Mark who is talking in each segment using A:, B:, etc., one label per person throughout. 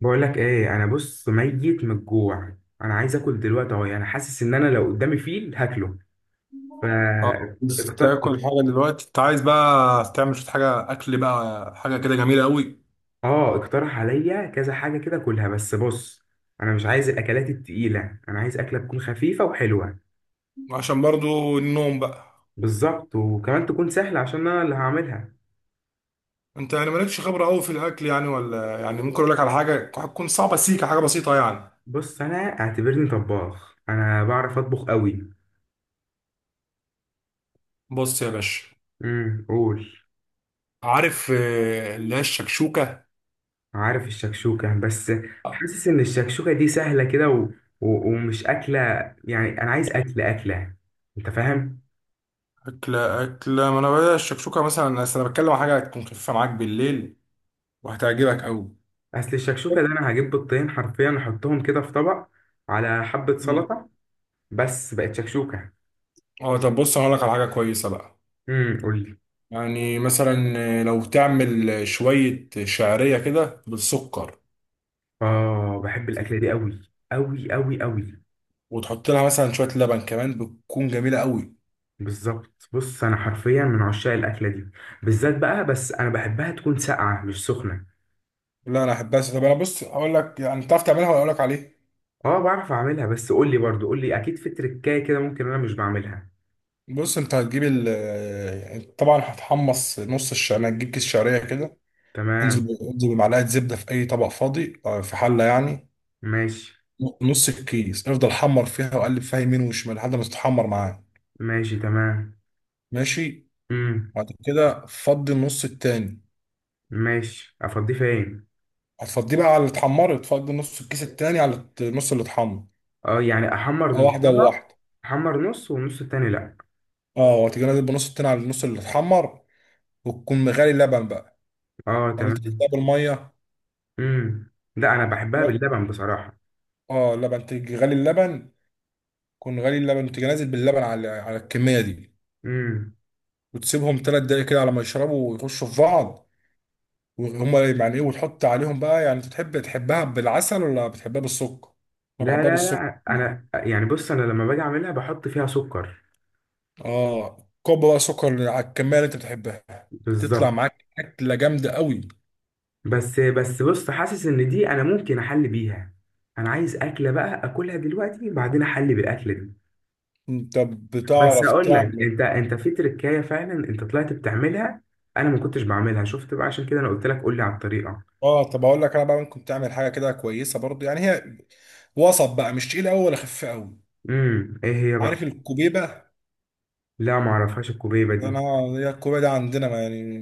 A: بقول لك ايه؟ انا بص ميت من الجوع. انا عايز اكل دلوقتي اهو، يعني حاسس ان انا لو قدامي فيل هاكله. ف
B: اه بس
A: اقت-
B: تاكل حاجه دلوقتي. انت عايز بقى تعمل شويه حاجه اكل بقى، حاجه كده جميله قوي؟
A: اه اقترح عليا كذا حاجه كده كلها، بس بص انا مش عايز الاكلات التقيله. انا عايز اكله تكون خفيفه وحلوه.
B: عشان برضو النوم بقى.
A: بالظبط، وكمان تكون سهله عشان انا اللي هعملها.
B: انت يعني مالكش خبره قوي في الاكل يعني، ولا يعني ممكن اقول لك على حاجه هتكون صعبه سيكه حاجه بسيطه يعني؟
A: بص انا اعتبرني طباخ، انا بعرف اطبخ قوي.
B: بص يا باشا،
A: قول.
B: عارف اللي هي الشكشوكه؟
A: عارف الشكشوكة بس، حاسس إن الشكشوكة دي سهلة كده ومش أكلة، يعني أنا عايز أكل أكلة. أنت فاهم؟
B: اكله اكله، ما انا بقى الشكشوكه مثلا، أصل انا بتكلم عن حاجه هتكون خفيفه معاك بالليل وهتعجبك قوي.
A: أصل الشكشوكة ده أنا هجيب بيضتين حرفيا أحطهم كده في طبق على حبة
B: مم.
A: سلطة، بس بقت شكشوكة.
B: اه طب بص، انا هقول لك على حاجه كويسه بقى.
A: قولي.
B: يعني مثلا لو تعمل شوية شعرية كده بالسكر،
A: آه، بحب الأكلة دي أوي أوي أوي أوي.
B: وتحط لها مثلا شوية لبن كمان، بتكون جميلة قوي.
A: بالظبط، بص أنا حرفيا من عشاق الأكلة دي، بالذات بقى، بس أنا بحبها تكون ساقعة مش سخنة.
B: لا أنا أحبها. طب أنا بص أقول لك، يعني تعرف تعملها ولا أقول لك عليه؟
A: اه، بعرف أعملها، بس قولي برضو، قولي، أكيد في تركاية كده ممكن أنا مش بعملها.
B: بص، أنت هتجيب ال، يعني طبعا هتحمص نص الشعرية، هتجيب كيس شعرية كده،
A: تمام.
B: انزل بمعلقة زبدة في أي طبق فاضي في حلة يعني.
A: ماشي.
B: نص الكيس افضل حمر فيها وقلب فيها يمين وشمال لحد ما تتحمر معاه.
A: ماشي تمام.
B: ماشي.
A: امم
B: بعد كده فضي النص التاني.
A: ماشي، افضيه فين؟
B: هتفضيه بقى على اللي اتحمر، تفضي نص الكيس التاني على النص اللي اتحمر.
A: اه، يعني احمر
B: اه واحدة
A: نصها.
B: وواحدة.
A: احمر نص والنص التاني لا.
B: اه، وتيجي نازل بنص التاني على النص اللي اتحمر، وتكون مغلي اللبن بقى،
A: اه،
B: ولا انت
A: تمام.
B: تحطها بالمية.
A: لا، انا بحبها
B: لا،
A: باللبن بصراحة.
B: اه اللبن، تيجي غالي اللبن، تكون غالي اللبن وتيجي نازل باللبن على على الكمية دي،
A: امم.
B: وتسيبهم تلات دقايق كده على ما يشربوا ويخشوا في بعض. وهما يعني ايه، وتحط عليهم بقى، يعني انت تحب تحبها بالعسل ولا بتحبها بالسكر؟ انا
A: لا
B: بحبها
A: لا
B: بالسكر.
A: لا، انا يعني بص، انا لما باجي اعملها بحط فيها سكر.
B: اه كوب بقى سكر على الكميه اللي انت بتحبها، تطلع
A: بالظبط.
B: معاك اكله جامده قوي.
A: بس بس، بص حاسس ان دي انا ممكن احل بيها. انا عايز اكله بقى اكلها دلوقتي، بعدين احل بالاكل.
B: انت
A: بس
B: بتعرف
A: اقول لك
B: تعمل؟
A: انت في تركايه، فعلا انت طلعت بتعملها. انا ما كنتش بعملها، شفت بقى، عشان كده انا قلت لك قول لي على الطريقه.
B: اه طب اقول لك انا بقى، ممكن تعمل حاجه كده كويسه برضو، يعني هي وسط بقى، مش تقيله قوي ولا خفيفه قوي.
A: ايه هي
B: عارف
A: بقى؟
B: الكوبيبه؟
A: لا، ما اعرفهاش الكوبيبه دي.
B: انا، هي الكوبيبه دي عندنا، ما يعني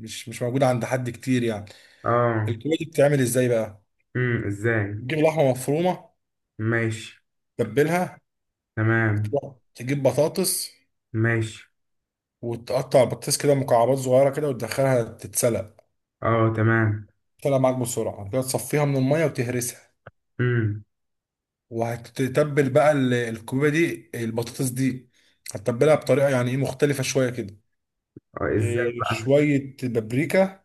B: مش موجوده عند حد كتير يعني.
A: اه.
B: الكوبيبه دي بتتعمل ازاي بقى،
A: ازاي؟
B: تجيب لحمه مفرومه،
A: ماشي،
B: تتبلها،
A: تمام.
B: وتروح تجيب بطاطس،
A: ماشي.
B: وتقطع بطاطس كده مكعبات صغيره كده وتدخلها تتسلق.
A: اه، تمام.
B: طلع معاك بسرعة كده، تصفيها من المية وتهرسها،
A: امم.
B: وهتتبل بقى الكوبيبة دي، البطاطس دي هتتبلها بطريقة يعني ايه مختلفة شوية كده.
A: اه، ازاي
B: إيه،
A: بقى؟
B: شوية بابريكا،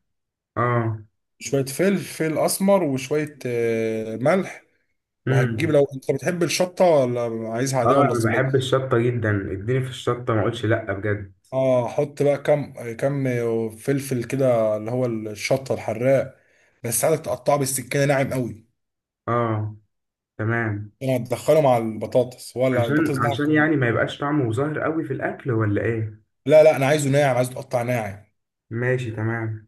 A: اه.
B: شوية فلفل أسمر وشوية ملح، وهتجيب
A: امم.
B: لو أنت بتحب الشطة، ولا عايزها
A: اه،
B: عادية ولا
A: انا بحب
B: صبية.
A: الشطه جدا، اديني في الشطه ما اقولش لا بجد.
B: اه حط بقى كم كم، فلفل كده اللي هو الشطة الحراق، بس عايزك تقطعه بالسكينة ناعم قوي.
A: اه، تمام.
B: يعني هتدخله مع البطاطس، ولا
A: عشان
B: البطاطس ده؟
A: عشان يعني ما يبقاش طعمه ظاهر قوي في الاكل ولا ايه؟
B: لا لا، انا عايزه ناعم، عايزه تقطع ناعم.
A: ماشي، تمام.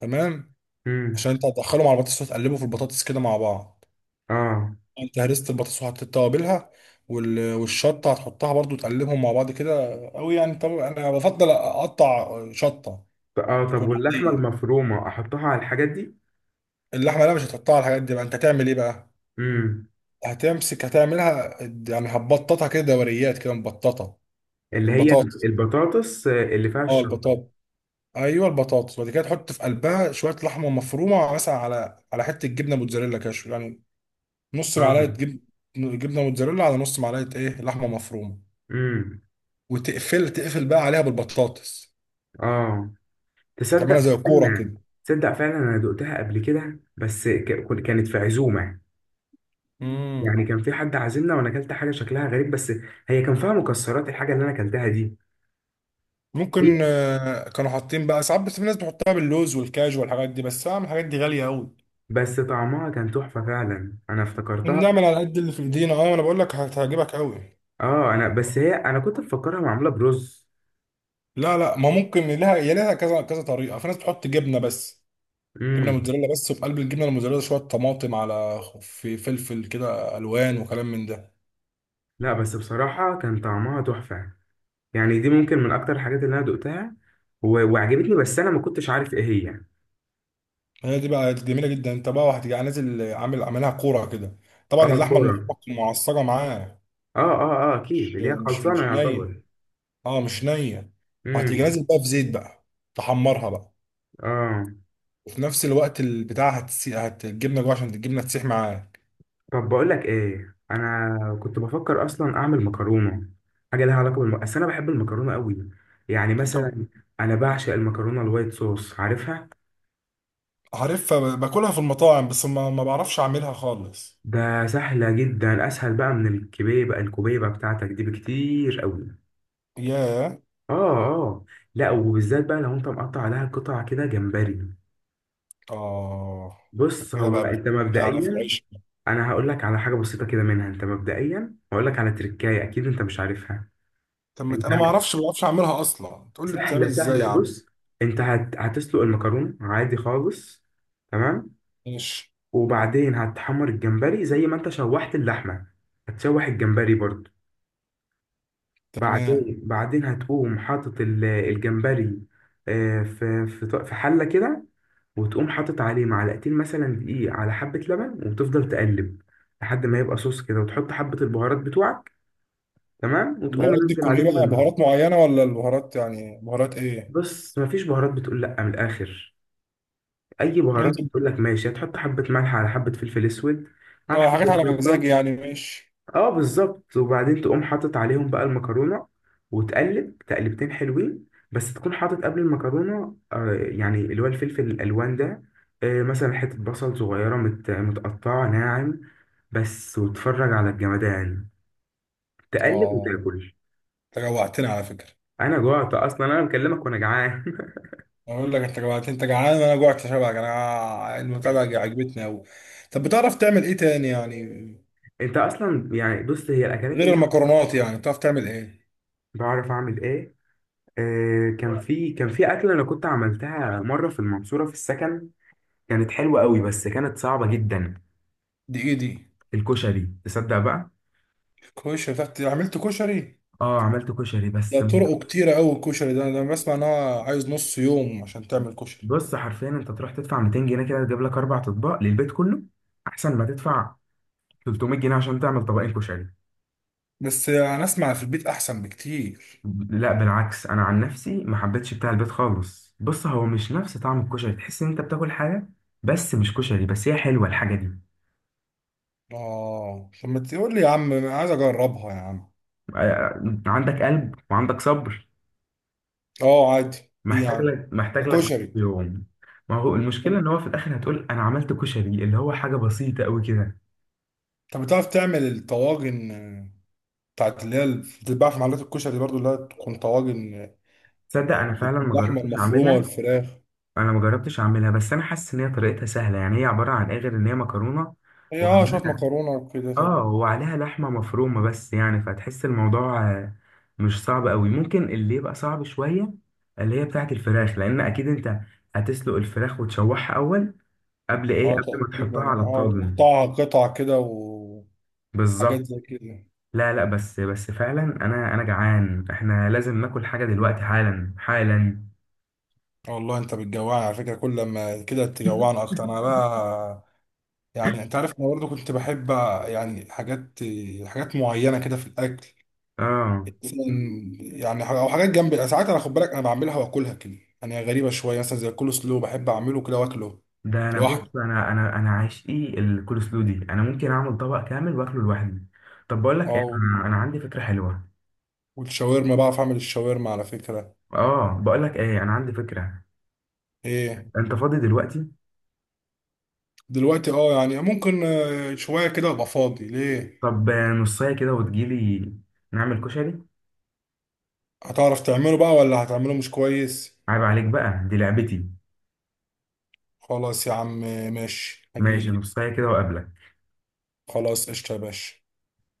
B: تمام.
A: مم.
B: عشان انت هتدخله مع البطاطس وتقلبه في البطاطس كده مع بعض.
A: اه،
B: انت هرست البطاطس وحطيت توابلها والشطه هتحطها برضو، تقلبهم مع بعض كده قوي. يعني طب انا بفضل اقطع شطه
A: طب
B: تكون
A: واللحمه
B: عاديه.
A: المفرومه احطها على الحاجات دي؟
B: اللحمه لا مش هتقطعها. الحاجات دي بقى انت هتعمل ايه بقى،
A: امم.
B: هتمسك هتعملها، يعني هتبططها كده دوريات كده مبططه.
A: اللي هي
B: البطاطس،
A: البطاطس اللي فيها
B: اه البطاطس،
A: الشطه.
B: ايوه البطاطس. وبعد كده تحط في قلبها شويه لحمه مفرومه، مثلا على على حته جبنه موتزاريلا كده يعني، نص معلقه
A: اه.
B: جب... جبنه موتزاريلا على نص معلقه ايه، لحمه مفرومه،
A: امم.
B: وتقفل تقفل بقى عليها بالبطاطس،
A: اه،
B: تعملها
A: تصدق،
B: زي كوره
A: استنى.
B: كده.
A: تصدق فعلا انا دقتها قبل كده، بس كانت في عزومه، يعني
B: امم،
A: كان في حد عازمنا وانا اكلت حاجه شكلها غريب، بس هي كان فيها مكسرات الحاجه اللي انا اكلتها دي. هي،
B: ممكن كانوا حاطين بقى ساعات، بس في ناس بتحطها باللوز والكاجو والحاجات دي، بس اعمل الحاجات دي غاليه قوي،
A: بس طعمها كان تحفه، فعلا انا افتكرتها.
B: ونعمل على قد اللي في ايدينا. اه انا بقول لك هتعجبك قوي.
A: اه، انا بس هي، انا كنت مفكرها معموله برز.
B: لا لا ما ممكن لها، يا لها كذا كذا طريقه، في ناس بتحط جبنه بس، جبنه
A: امم.
B: موتزاريلا بس، وفي قلب الجبنه الموتزاريلا شويه طماطم على في فلفل كده الوان وكلام من ده.
A: لا، بس بصراحه كان طعمها تحفه، يعني دي ممكن من اكتر الحاجات اللي انا دقتها وعجبتني، بس انا ما كنتش عارف ايه هي يعني.
B: هي دي بقى جميله جدا. انت بقى وهتبقى نازل عامل عاملها كوره كده، طبعا
A: اه،
B: اللحمه المفرومه
A: الكوره.
B: تكون معصجه معاه،
A: اه اه اه،
B: مش
A: اكيد اللي هي
B: مش
A: خلصانه
B: مش نيه.
A: يعتبر.
B: اه مش نيه. وهتيجي
A: امم.
B: نازل بقى في زيت بقى، تحمرها بقى،
A: اه،
B: وفي نفس الوقت البتاع هتسي... هت الجبنه جوه عشان الجبنه تسيح معاك.
A: طب بقول لك ايه، انا كنت بفكر اصلا اعمل مكرونه، حاجه لها علاقه بس انا بحب المكرونه قوي. يعني
B: طب،
A: مثلا، انا بعشق المكرونه الوايت صوص، عارفها.
B: عارفها؟ باكلها في المطاعم، بس ما بعرفش اعملها خالص.
A: ده سهله جدا، اسهل بقى من الكبيبه، الكبيبه بتاعتك دي بكتير قوي.
B: ياه.
A: اه. اه. لا، وبالذات بقى لو انت مقطع عليها قطع كده جمبري.
B: اه
A: بص
B: كده
A: هو
B: بقى
A: انت
B: بتحكي على في
A: مبدئيا،
B: العيش.
A: انا هقول لك على حاجه بسيطه كده منها، انت مبدئيا هقول لك على تركايه اكيد انت مش عارفها.
B: طب ما ت-
A: انت،
B: انا ما اعرفش، ما بعرفش اعملها اصلا، تقول لي بتعمل
A: سهله
B: ازاي
A: سهله،
B: يا عم؟
A: بص، انت هتسلق المكرونه عادي خالص. تمام.
B: ماشي،
A: وبعدين هتحمر الجمبري زي ما انت شوحت اللحمه، هتشوح الجمبري برضو.
B: تمام.
A: بعدين هتقوم حاطط الجمبري، آه، في حله كده، وتقوم حاطط عليه معلقتين مثلا دقيق على حبة لبن، وتفضل تقلب لحد ما يبقى صوص كده، وتحط حبة البهارات بتوعك. تمام، وتقوم
B: البهارات دي
A: منزل
B: تكون ايه
A: عليهم
B: بقى، بهارات
A: المكرونة.
B: معينة ولا البهارات يعني بهارات ايه؟
A: بص، مفيش بهارات، بتقول لأ من الآخر. أي بهارات
B: انت،
A: بتقول لك ماشي، هتحط حبة ملح على حبة فلفل أسود، على
B: ما حاجات
A: حبة
B: على
A: شطة.
B: مزاجي يعني، ماشي.
A: اه، بالظبط، وبعدين تقوم حاطط عليهم بقى المكرونة، وتقلب تقلبتين حلوين. بس تكون حاطط قبل المكرونة، آه، يعني اللي هو الفلفل الألوان ده، آه، مثلا حتة بصل صغيرة متقطعة ناعم بس، وتفرج على الجمدان، تقلب
B: اه
A: وتاكل.
B: انت جوعتني على فكرة.
A: أنا جوعت أصلا، أنا مكلمك وأنا جعان.
B: اقول لك، انت جوعتني، انت جعان وانا جوعت، شبعك انا، المتابعة دي عجبتني اوي. طب بتعرف تعمل ايه تاني يعني،
A: أنت أصلا يعني، بص هي الأكلات اللي
B: غير
A: أنا
B: المكرونات يعني بتعرف تعمل ايه؟
A: بعرف أعمل إيه؟ آه، كان في أكلة أنا كنت عملتها مرة في المنصورة في السكن، كانت حلوة قوي بس كانت صعبة جدا.
B: دي ايه دي؟
A: الكشري، تصدق بقى.
B: كشري؟ بتعرف عملت كشري؟
A: اه، عملت كشري
B: ده
A: بس.
B: طرقه كتيرة اوي الكشري ده، انا بسمع ان هو عايز نص يوم عشان تعمل كشري.
A: بص حرفيا انت تروح تدفع 200 جنيه كده، تجيب لك اربع اطباق للبيت كله، احسن ما تدفع 300 جنيه عشان تعمل طبقين كشري.
B: بس انا اسمع في البيت احسن بكتير.
A: لا بالعكس، انا عن نفسي ما حبيتش بتاع البيت خالص، بص هو مش نفس طعم الكشري، تحس ان انت بتاكل حاجه بس مش كشري، بس هي حلوه الحاجه دي.
B: اه طب ما تقول لي يا عم، انا عايز اجربها يا عم.
A: آه، آه، عندك قلب وعندك صبر؟
B: اه عادي. ايه يعني،
A: محتاج
B: ده
A: لك
B: كشري.
A: يوم. ما هو المشكله ان هو في الاخر هتقول انا عملت كشري، اللي هو حاجه بسيطه قوي كده.
B: طب بتعرف تعمل الطواجن بتاعت اللي هي اللي بتتباع في محلات الكشري برضو، اللي هي تكون طواجن،
A: تصدق انا فعلا ما
B: باللحمه
A: جربتش
B: المفرومه
A: اعملها،
B: والفراخ؟
A: انا ما جربتش اعملها، بس انا حاسس ان هي طريقتها سهله، يعني هي عباره عن ايه غير ان هي مكرونه
B: هي اه شويه
A: وعليها.
B: مكرونه وكده. طب
A: اه، وعليها لحمه مفرومه بس، يعني فتحس الموضوع، آه، مش صعب قوي. ممكن اللي يبقى صعب شويه اللي هي بتاعه الفراخ، لان اكيد انت هتسلق الفراخ وتشوحها اول، قبل ايه،
B: اه
A: قبل ما تحطها
B: تقريبا،
A: على
B: اه
A: الطاجن.
B: وتقطعها قطع كده وحاجات
A: بالظبط.
B: زي كده.
A: لا لا، بس بس فعلا انا، انا جعان، احنا لازم ناكل حاجه دلوقتي، حالا حالا.
B: والله انت بتجوعني على فكره، كل ما كده تجوعني اكتر انا بقى. يعني انت عارف انا برضه كنت بحب يعني حاجات، حاجات معينه كده في الاكل،
A: اه،
B: مثلاً، يعني او حاجات جنب ساعات، انا خد بالك انا بعملها واكلها كده، يعني هي غريبه شويه، مثلا زي الكول سلو بحب اعمله كده واكله
A: ده انا
B: لوحده.
A: بص انا عشقي الكول سلو دي، انا ممكن اعمل طبق كامل واكله لوحدي. طب بقول لك ايه،
B: اه
A: أنا عندي فكره حلوه.
B: والشاورما بعرف اعمل الشاورما على فكره.
A: اه، بقول لك ايه انا عندي فكره.
B: ايه؟
A: انت فاضي دلوقتي؟
B: دلوقتي، اه يعني ممكن شويه كده ابقى فاضي ليه.
A: طب، آه، نصايه كده وتجيلي، نعمل كشري.
B: هتعرف تعمله بقى، ولا هتعمله مش كويس؟
A: عيب عليك بقى، دي لعبتي.
B: خلاص يا عم، ماشي
A: ماشي،
B: هجيلك.
A: نصايه كده وقابلك.
B: خلاص قشطه يا باشا.